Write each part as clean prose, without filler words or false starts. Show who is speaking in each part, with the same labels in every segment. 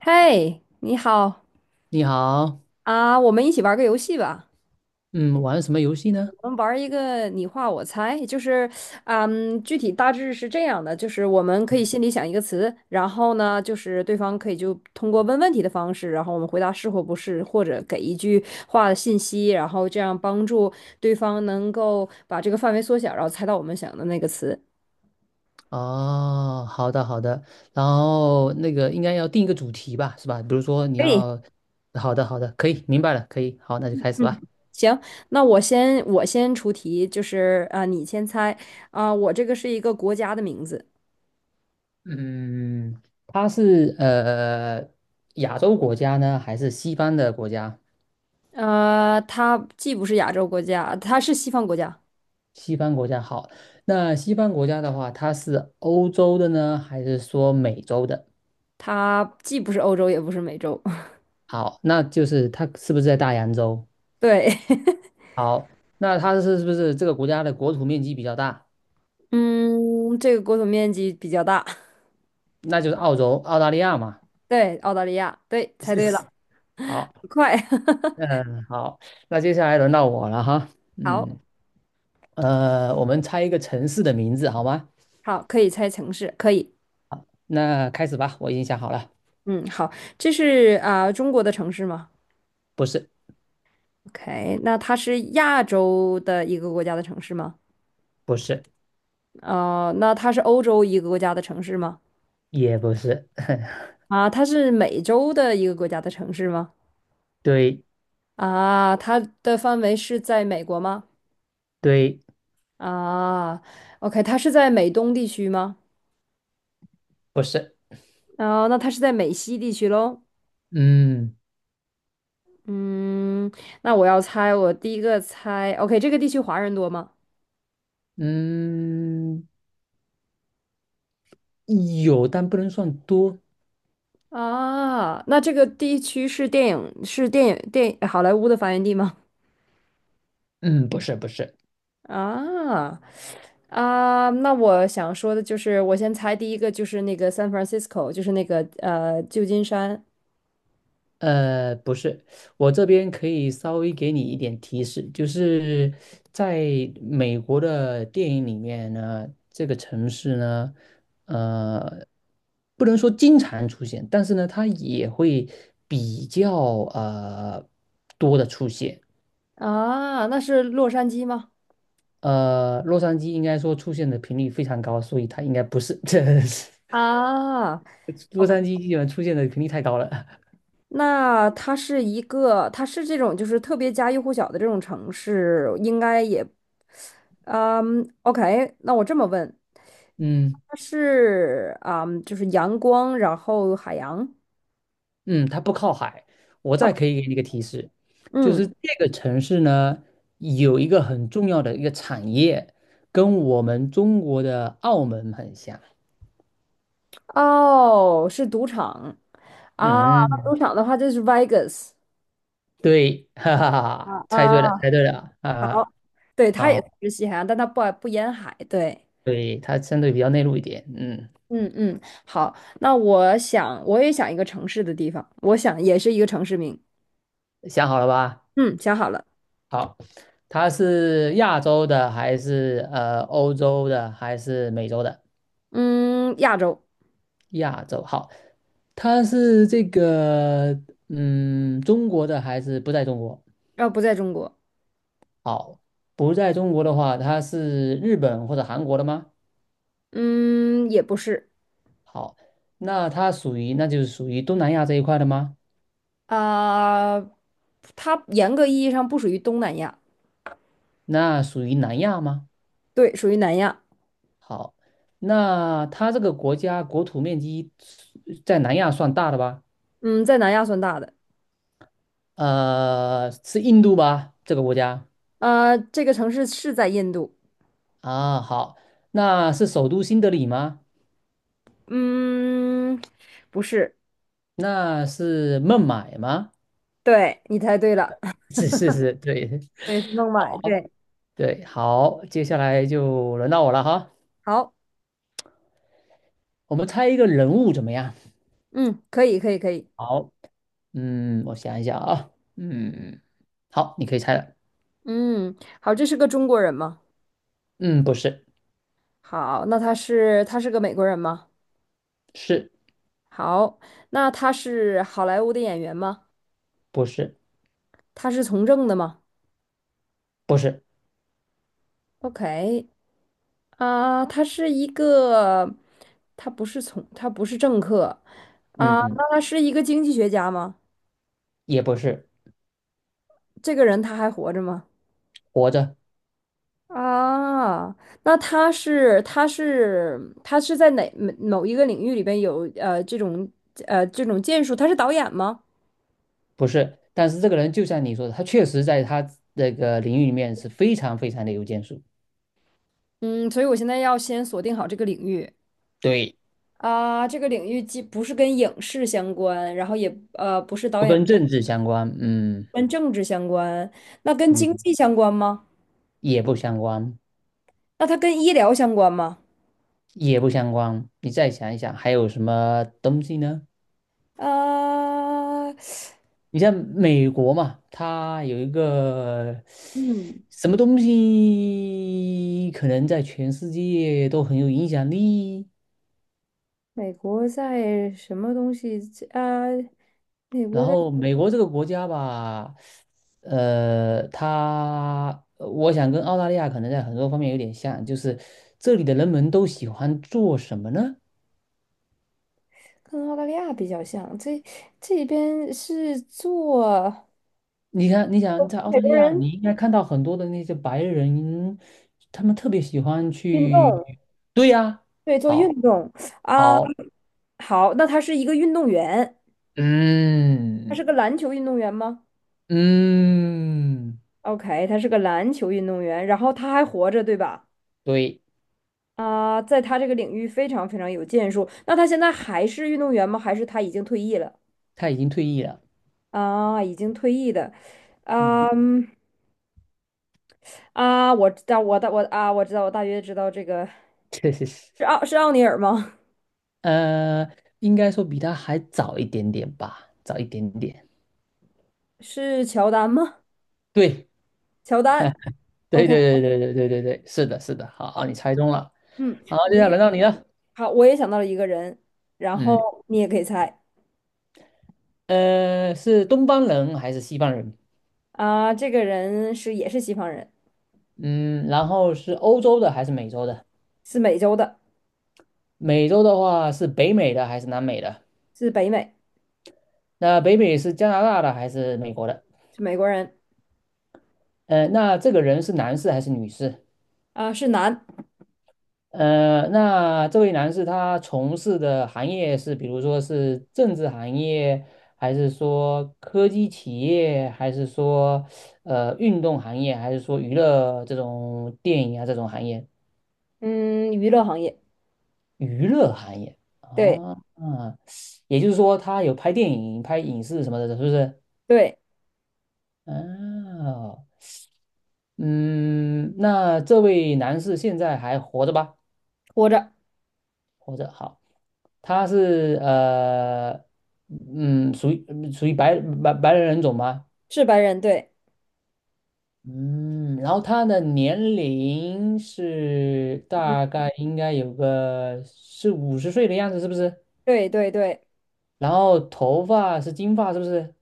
Speaker 1: 嘿，你好
Speaker 2: 你好，
Speaker 1: 啊，我们一起玩个游戏吧。
Speaker 2: 嗯，玩什么游戏呢？
Speaker 1: 我们玩一个你画我猜，就是，具体大致是这样的，就是我们可以心里想一个词，然后呢，就是对方可以就通过问问题的方式，然后我们回答是或不是，或者给一句话的信息，然后这样帮助对方能够把这个范围缩小，然后猜到我们想的那个词。
Speaker 2: 哦，好的好的，然后那个应该要定一个主题吧，是吧？比如说你
Speaker 1: 可以，
Speaker 2: 要，好的好的，可以，明白了，可以，好，那就开始吧。
Speaker 1: 行，那我先出题，就是啊，你先猜啊，我这个是一个国家的名字。
Speaker 2: 嗯，它是亚洲国家呢，还是西方的国家？
Speaker 1: 它既不是亚洲国家，它是西方国家，
Speaker 2: 西方国家好，那西方国家的话，它是欧洲的呢，还是说美洲的？
Speaker 1: 它既不是欧洲，也不是美洲。
Speaker 2: 好，那就是它是不是在大洋洲？
Speaker 1: 对，
Speaker 2: 好，那它是不是这个国家的国土面积比较大？
Speaker 1: 嗯，这个国土面积比较大。
Speaker 2: 那就是澳洲、澳大利亚嘛。
Speaker 1: 对，澳大利亚，对，猜对 了，
Speaker 2: 好，
Speaker 1: 很快。
Speaker 2: 嗯，好，那接下来轮到我了哈。嗯，
Speaker 1: 好，
Speaker 2: 我们猜一个城市的名字好吗？
Speaker 1: 好，可以猜城市，可以。
Speaker 2: 那开始吧，我已经想好了。
Speaker 1: 嗯，好，这是中国的城市吗
Speaker 2: 不是，
Speaker 1: ？OK，那它是亚洲的一个国家的城市吗？
Speaker 2: 不是，
Speaker 1: 哦，那它是欧洲一个国家的城市吗？
Speaker 2: 也不是，
Speaker 1: 啊，它是美洲的一个国家的城市吗？
Speaker 2: 对，
Speaker 1: 啊，它的范围是在美国吗？
Speaker 2: 对，
Speaker 1: 啊，OK，它是在美东地区吗？
Speaker 2: 不是。
Speaker 1: 啊，那它是在美西地区喽。
Speaker 2: 嗯
Speaker 1: 嗯，那我要猜，我第一个猜，OK，这个地区华人多吗？
Speaker 2: 嗯，有，但不能算多。
Speaker 1: 啊，那这个地区是电影是电影电好莱坞的发源地吗？
Speaker 2: 嗯，不是，不是。
Speaker 1: 啊那我想说的就是，我先猜第一个就是那个 San Francisco，就是那个旧金山
Speaker 2: 不是，我这边可以稍微给你一点提示，就是在美国的电影里面呢，这个城市呢，呃，不能说经常出现，但是呢，它也会比较呃多的出现。
Speaker 1: 啊，那是洛杉矶吗？
Speaker 2: 洛杉矶应该说出现的频率非常高，所以它应该不是，这
Speaker 1: 啊
Speaker 2: 洛
Speaker 1: OK，
Speaker 2: 杉矶基本出现的频率太高了。
Speaker 1: 那它是这种就是特别家喻户晓的这种城市，应该也，嗯，OK，那我这么问，
Speaker 2: 嗯。
Speaker 1: 它是啊，就是阳光，然后海洋，
Speaker 2: 嗯，它不靠海。我再可以给你一个提示，就
Speaker 1: 嗯，
Speaker 2: 是这个城市呢，有一个很重要的一个产业，跟我们中国的澳门很像。
Speaker 1: 哦，是赌场啊，那赌
Speaker 2: 嗯，
Speaker 1: 场的话就是 Vegas
Speaker 2: 对，哈哈哈哈
Speaker 1: 啊，
Speaker 2: 猜
Speaker 1: 啊，
Speaker 2: 对了，猜对了啊，
Speaker 1: 好，对，它也
Speaker 2: 好，
Speaker 1: 是西海岸，但它不沿海，对，
Speaker 2: 对，它相对比较内陆一点。嗯，
Speaker 1: 嗯嗯，好，那我想一个城市的地方，我想也是一个城市名，
Speaker 2: 想好了吧？
Speaker 1: 嗯，想好了。
Speaker 2: 好，它是亚洲的还是欧洲的还是美洲的？
Speaker 1: 嗯，亚洲，
Speaker 2: 亚洲，好，它是这个，嗯，中国的还是不在中国？
Speaker 1: 不在中国，
Speaker 2: 好，不在中国的话，它是日本或者韩国的吗？
Speaker 1: 嗯，也不是，
Speaker 2: 好，那它属于，那就是属于东南亚这一块的吗？
Speaker 1: 啊、它严格意义上不属于东南亚，
Speaker 2: 那属于南亚吗？
Speaker 1: 对，属于南亚，
Speaker 2: 好，那他这个国家国土面积在南亚算大的吧？
Speaker 1: 嗯，在南亚算大的，
Speaker 2: 是印度吧？这个国家
Speaker 1: 这个城市是在印度，
Speaker 2: 啊，好，那是首都新德里吗？
Speaker 1: 嗯，不是，
Speaker 2: 那是孟买吗？
Speaker 1: 对，你猜对了，
Speaker 2: 是是是，对
Speaker 1: 对，是孟买，对，
Speaker 2: 对，好，接下来就轮到我了哈，
Speaker 1: 好，
Speaker 2: 我们猜一个人物怎么样？
Speaker 1: 嗯，可以，可以，可以，
Speaker 2: 好，嗯，我想一想啊，嗯，好，你可以猜了，
Speaker 1: 嗯，好，这是个中国人吗？
Speaker 2: 嗯，不是，
Speaker 1: 好，那他是个美国人吗？
Speaker 2: 是
Speaker 1: 好，那他是好莱坞的演员吗？
Speaker 2: 不是
Speaker 1: 他是从政的吗
Speaker 2: 不是，
Speaker 1: ？OK，啊，他不是政客，啊，
Speaker 2: 嗯，
Speaker 1: 那他是一个经济学家吗？
Speaker 2: 也不是，
Speaker 1: 这个人他还活着吗？
Speaker 2: 活着
Speaker 1: 啊，那他是在哪某某一个领域里边有这种建树？他是导演吗？
Speaker 2: 不是，但是这个人就像你说的，他确实在他那个领域里面是非常非常的有建树，
Speaker 1: 嗯，所以我现在要先锁定好这个领域
Speaker 2: 对，
Speaker 1: 啊，这个领域既不是跟影视相关，然后也不是导
Speaker 2: 不
Speaker 1: 演，
Speaker 2: 跟政治相关，嗯
Speaker 1: 跟政治相关，那跟经
Speaker 2: 嗯，
Speaker 1: 济相关吗？
Speaker 2: 也不相关，
Speaker 1: 那它跟医疗相关吗？
Speaker 2: 也不相关，你再想一想还有什么东西呢？
Speaker 1: 啊，
Speaker 2: 你像美国嘛，它有一个
Speaker 1: 嗯，
Speaker 2: 什么东西，可能在全世界都很有影响力。
Speaker 1: 美国在什么东西啊？美
Speaker 2: 然
Speaker 1: 国的
Speaker 2: 后美国这个国家吧，它我想跟澳大利亚可能在很多方面有点像，就是这里的人们都喜欢做什么呢？
Speaker 1: 跟澳大利亚比较像，这边是做
Speaker 2: 你看，你想在澳
Speaker 1: 美
Speaker 2: 大利
Speaker 1: 国
Speaker 2: 亚，
Speaker 1: 人
Speaker 2: 你应该看到很多的那些白人，他们特别喜欢
Speaker 1: 运
Speaker 2: 去，
Speaker 1: 动，
Speaker 2: 对呀，
Speaker 1: 对，做
Speaker 2: 好。
Speaker 1: 运动。
Speaker 2: 好，
Speaker 1: 好，那他是一个运动员，他
Speaker 2: 嗯
Speaker 1: 是个篮球运动员吗
Speaker 2: 嗯，
Speaker 1: ？OK，他是个篮球运动员，然后他还活着，对吧？
Speaker 2: 对，
Speaker 1: 啊，在他这个领域非常非常有建树。那他现在还是运动员吗？还是他已经退役了？
Speaker 2: 他已经退役了。
Speaker 1: 啊，已经退役的。
Speaker 2: 嗯
Speaker 1: 啊。啊，我知道，我知道，我大约知道这个
Speaker 2: 确实是。
Speaker 1: 是奥尼尔吗？
Speaker 2: 呃，应该说比他还早一点点吧，早一点点。
Speaker 1: 是乔丹吗？
Speaker 2: 对，
Speaker 1: 乔丹
Speaker 2: 对
Speaker 1: ，OK，
Speaker 2: 对对对对对对对，是的，是的。好，你猜中了。
Speaker 1: 嗯，
Speaker 2: 好，接下来轮到你了。
Speaker 1: 好，我也想到了一个人，然
Speaker 2: 嗯，
Speaker 1: 后你也可以猜
Speaker 2: 是东方人还是西方人？
Speaker 1: 啊，这个人也是西方人，
Speaker 2: 嗯，然后是欧洲的还是美洲的？
Speaker 1: 是美洲的，
Speaker 2: 美洲的话是北美的还是南美的？
Speaker 1: 是北美，
Speaker 2: 那北美是加拿大的还是美国的？
Speaker 1: 是美国人
Speaker 2: 那这个人是男士还是女士？
Speaker 1: 啊，是男，
Speaker 2: 那这位男士他从事的行业是，比如说是政治行业，还是说科技企业，还是说运动行业，还是说娱乐这种电影啊这种行业？
Speaker 1: 嗯，娱乐行业，
Speaker 2: 娱乐行业
Speaker 1: 对
Speaker 2: 啊，啊，也就是说他有拍电影、拍影视什么的，是不是？
Speaker 1: 对，
Speaker 2: 哦，嗯，那这位男士现在还活着吧？
Speaker 1: 活着
Speaker 2: 活着，好。他是嗯，属于白人人种吗？
Speaker 1: 是白人，对，
Speaker 2: 嗯，然后他的年龄是
Speaker 1: 嗯
Speaker 2: 大概应该有个是50岁的样子，是不是？
Speaker 1: 对对对，
Speaker 2: 然后头发是金发，是不是？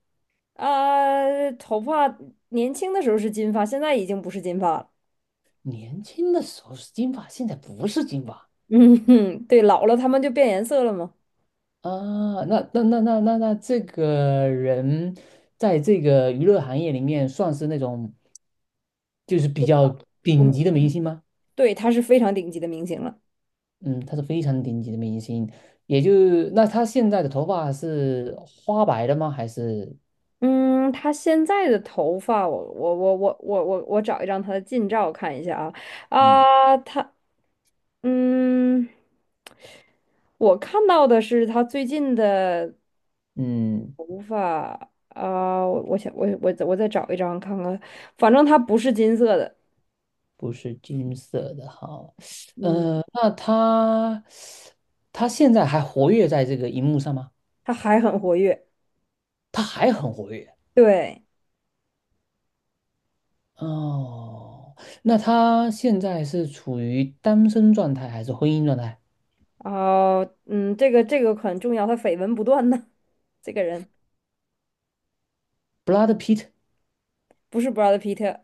Speaker 1: 啊，头发年轻的时候是金发，现在已经不是金发了。
Speaker 2: 年轻的时候是金发，现在不是金发
Speaker 1: 嗯哼，对，老了他们就变颜色了嘛。
Speaker 2: 啊。那这个人在这个娱乐行业里面算是那种就是比较
Speaker 1: 我们
Speaker 2: 顶级的明星吗？
Speaker 1: 对，他是非常顶级的明星了。
Speaker 2: 嗯，他是非常顶级的明星，也就那他现在的头发是花白的吗？还是
Speaker 1: 嗯，他现在的头发，我找一张他的近照看一下啊
Speaker 2: 嗯，
Speaker 1: 啊，嗯，我看到的是他最近的
Speaker 2: 嗯，
Speaker 1: 啊，我想我再找一张看看，反正他不是金色的，
Speaker 2: 不是金色的哈？
Speaker 1: 嗯，
Speaker 2: 那他现在还活跃在这个荧幕上吗？
Speaker 1: 他还很活跃，
Speaker 2: 他还很活跃
Speaker 1: 对，
Speaker 2: 哦。那他现在是处于单身状态还是婚姻状态
Speaker 1: 啊，嗯，这个很重要，他绯闻不断呢，这个人。
Speaker 2: ？Brad Pitt，
Speaker 1: 不是 Brad Pitt，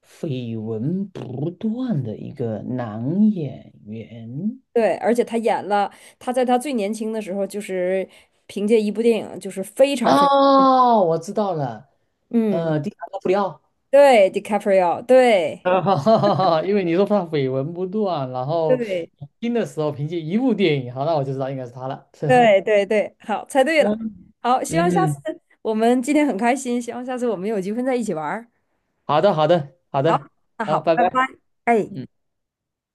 Speaker 2: 绯闻不断的一个男演员。
Speaker 1: 对，而且他演了，他在他最年轻的时候，就是凭借一部电影，就是非常非常，
Speaker 2: 哦，我知道了，
Speaker 1: 嗯，
Speaker 2: 第三个布里奥，
Speaker 1: 对，DiCaprio，对，
Speaker 2: 因为你说他绯闻不断，然后
Speaker 1: 对，
Speaker 2: 听的时候凭借一部电影，好，那我就知道应该是他了。是吧
Speaker 1: 对，对，对，好，猜 对了，
Speaker 2: 嗯，
Speaker 1: 好，希望下次
Speaker 2: 嗯，
Speaker 1: 我们今天很开心，希望下次我们有机会在一起玩儿，
Speaker 2: 好的，好的，好
Speaker 1: 好，
Speaker 2: 的，
Speaker 1: 那
Speaker 2: 好，
Speaker 1: 好，
Speaker 2: 拜
Speaker 1: 拜拜，
Speaker 2: 拜。
Speaker 1: 哎。
Speaker 2: 嗯。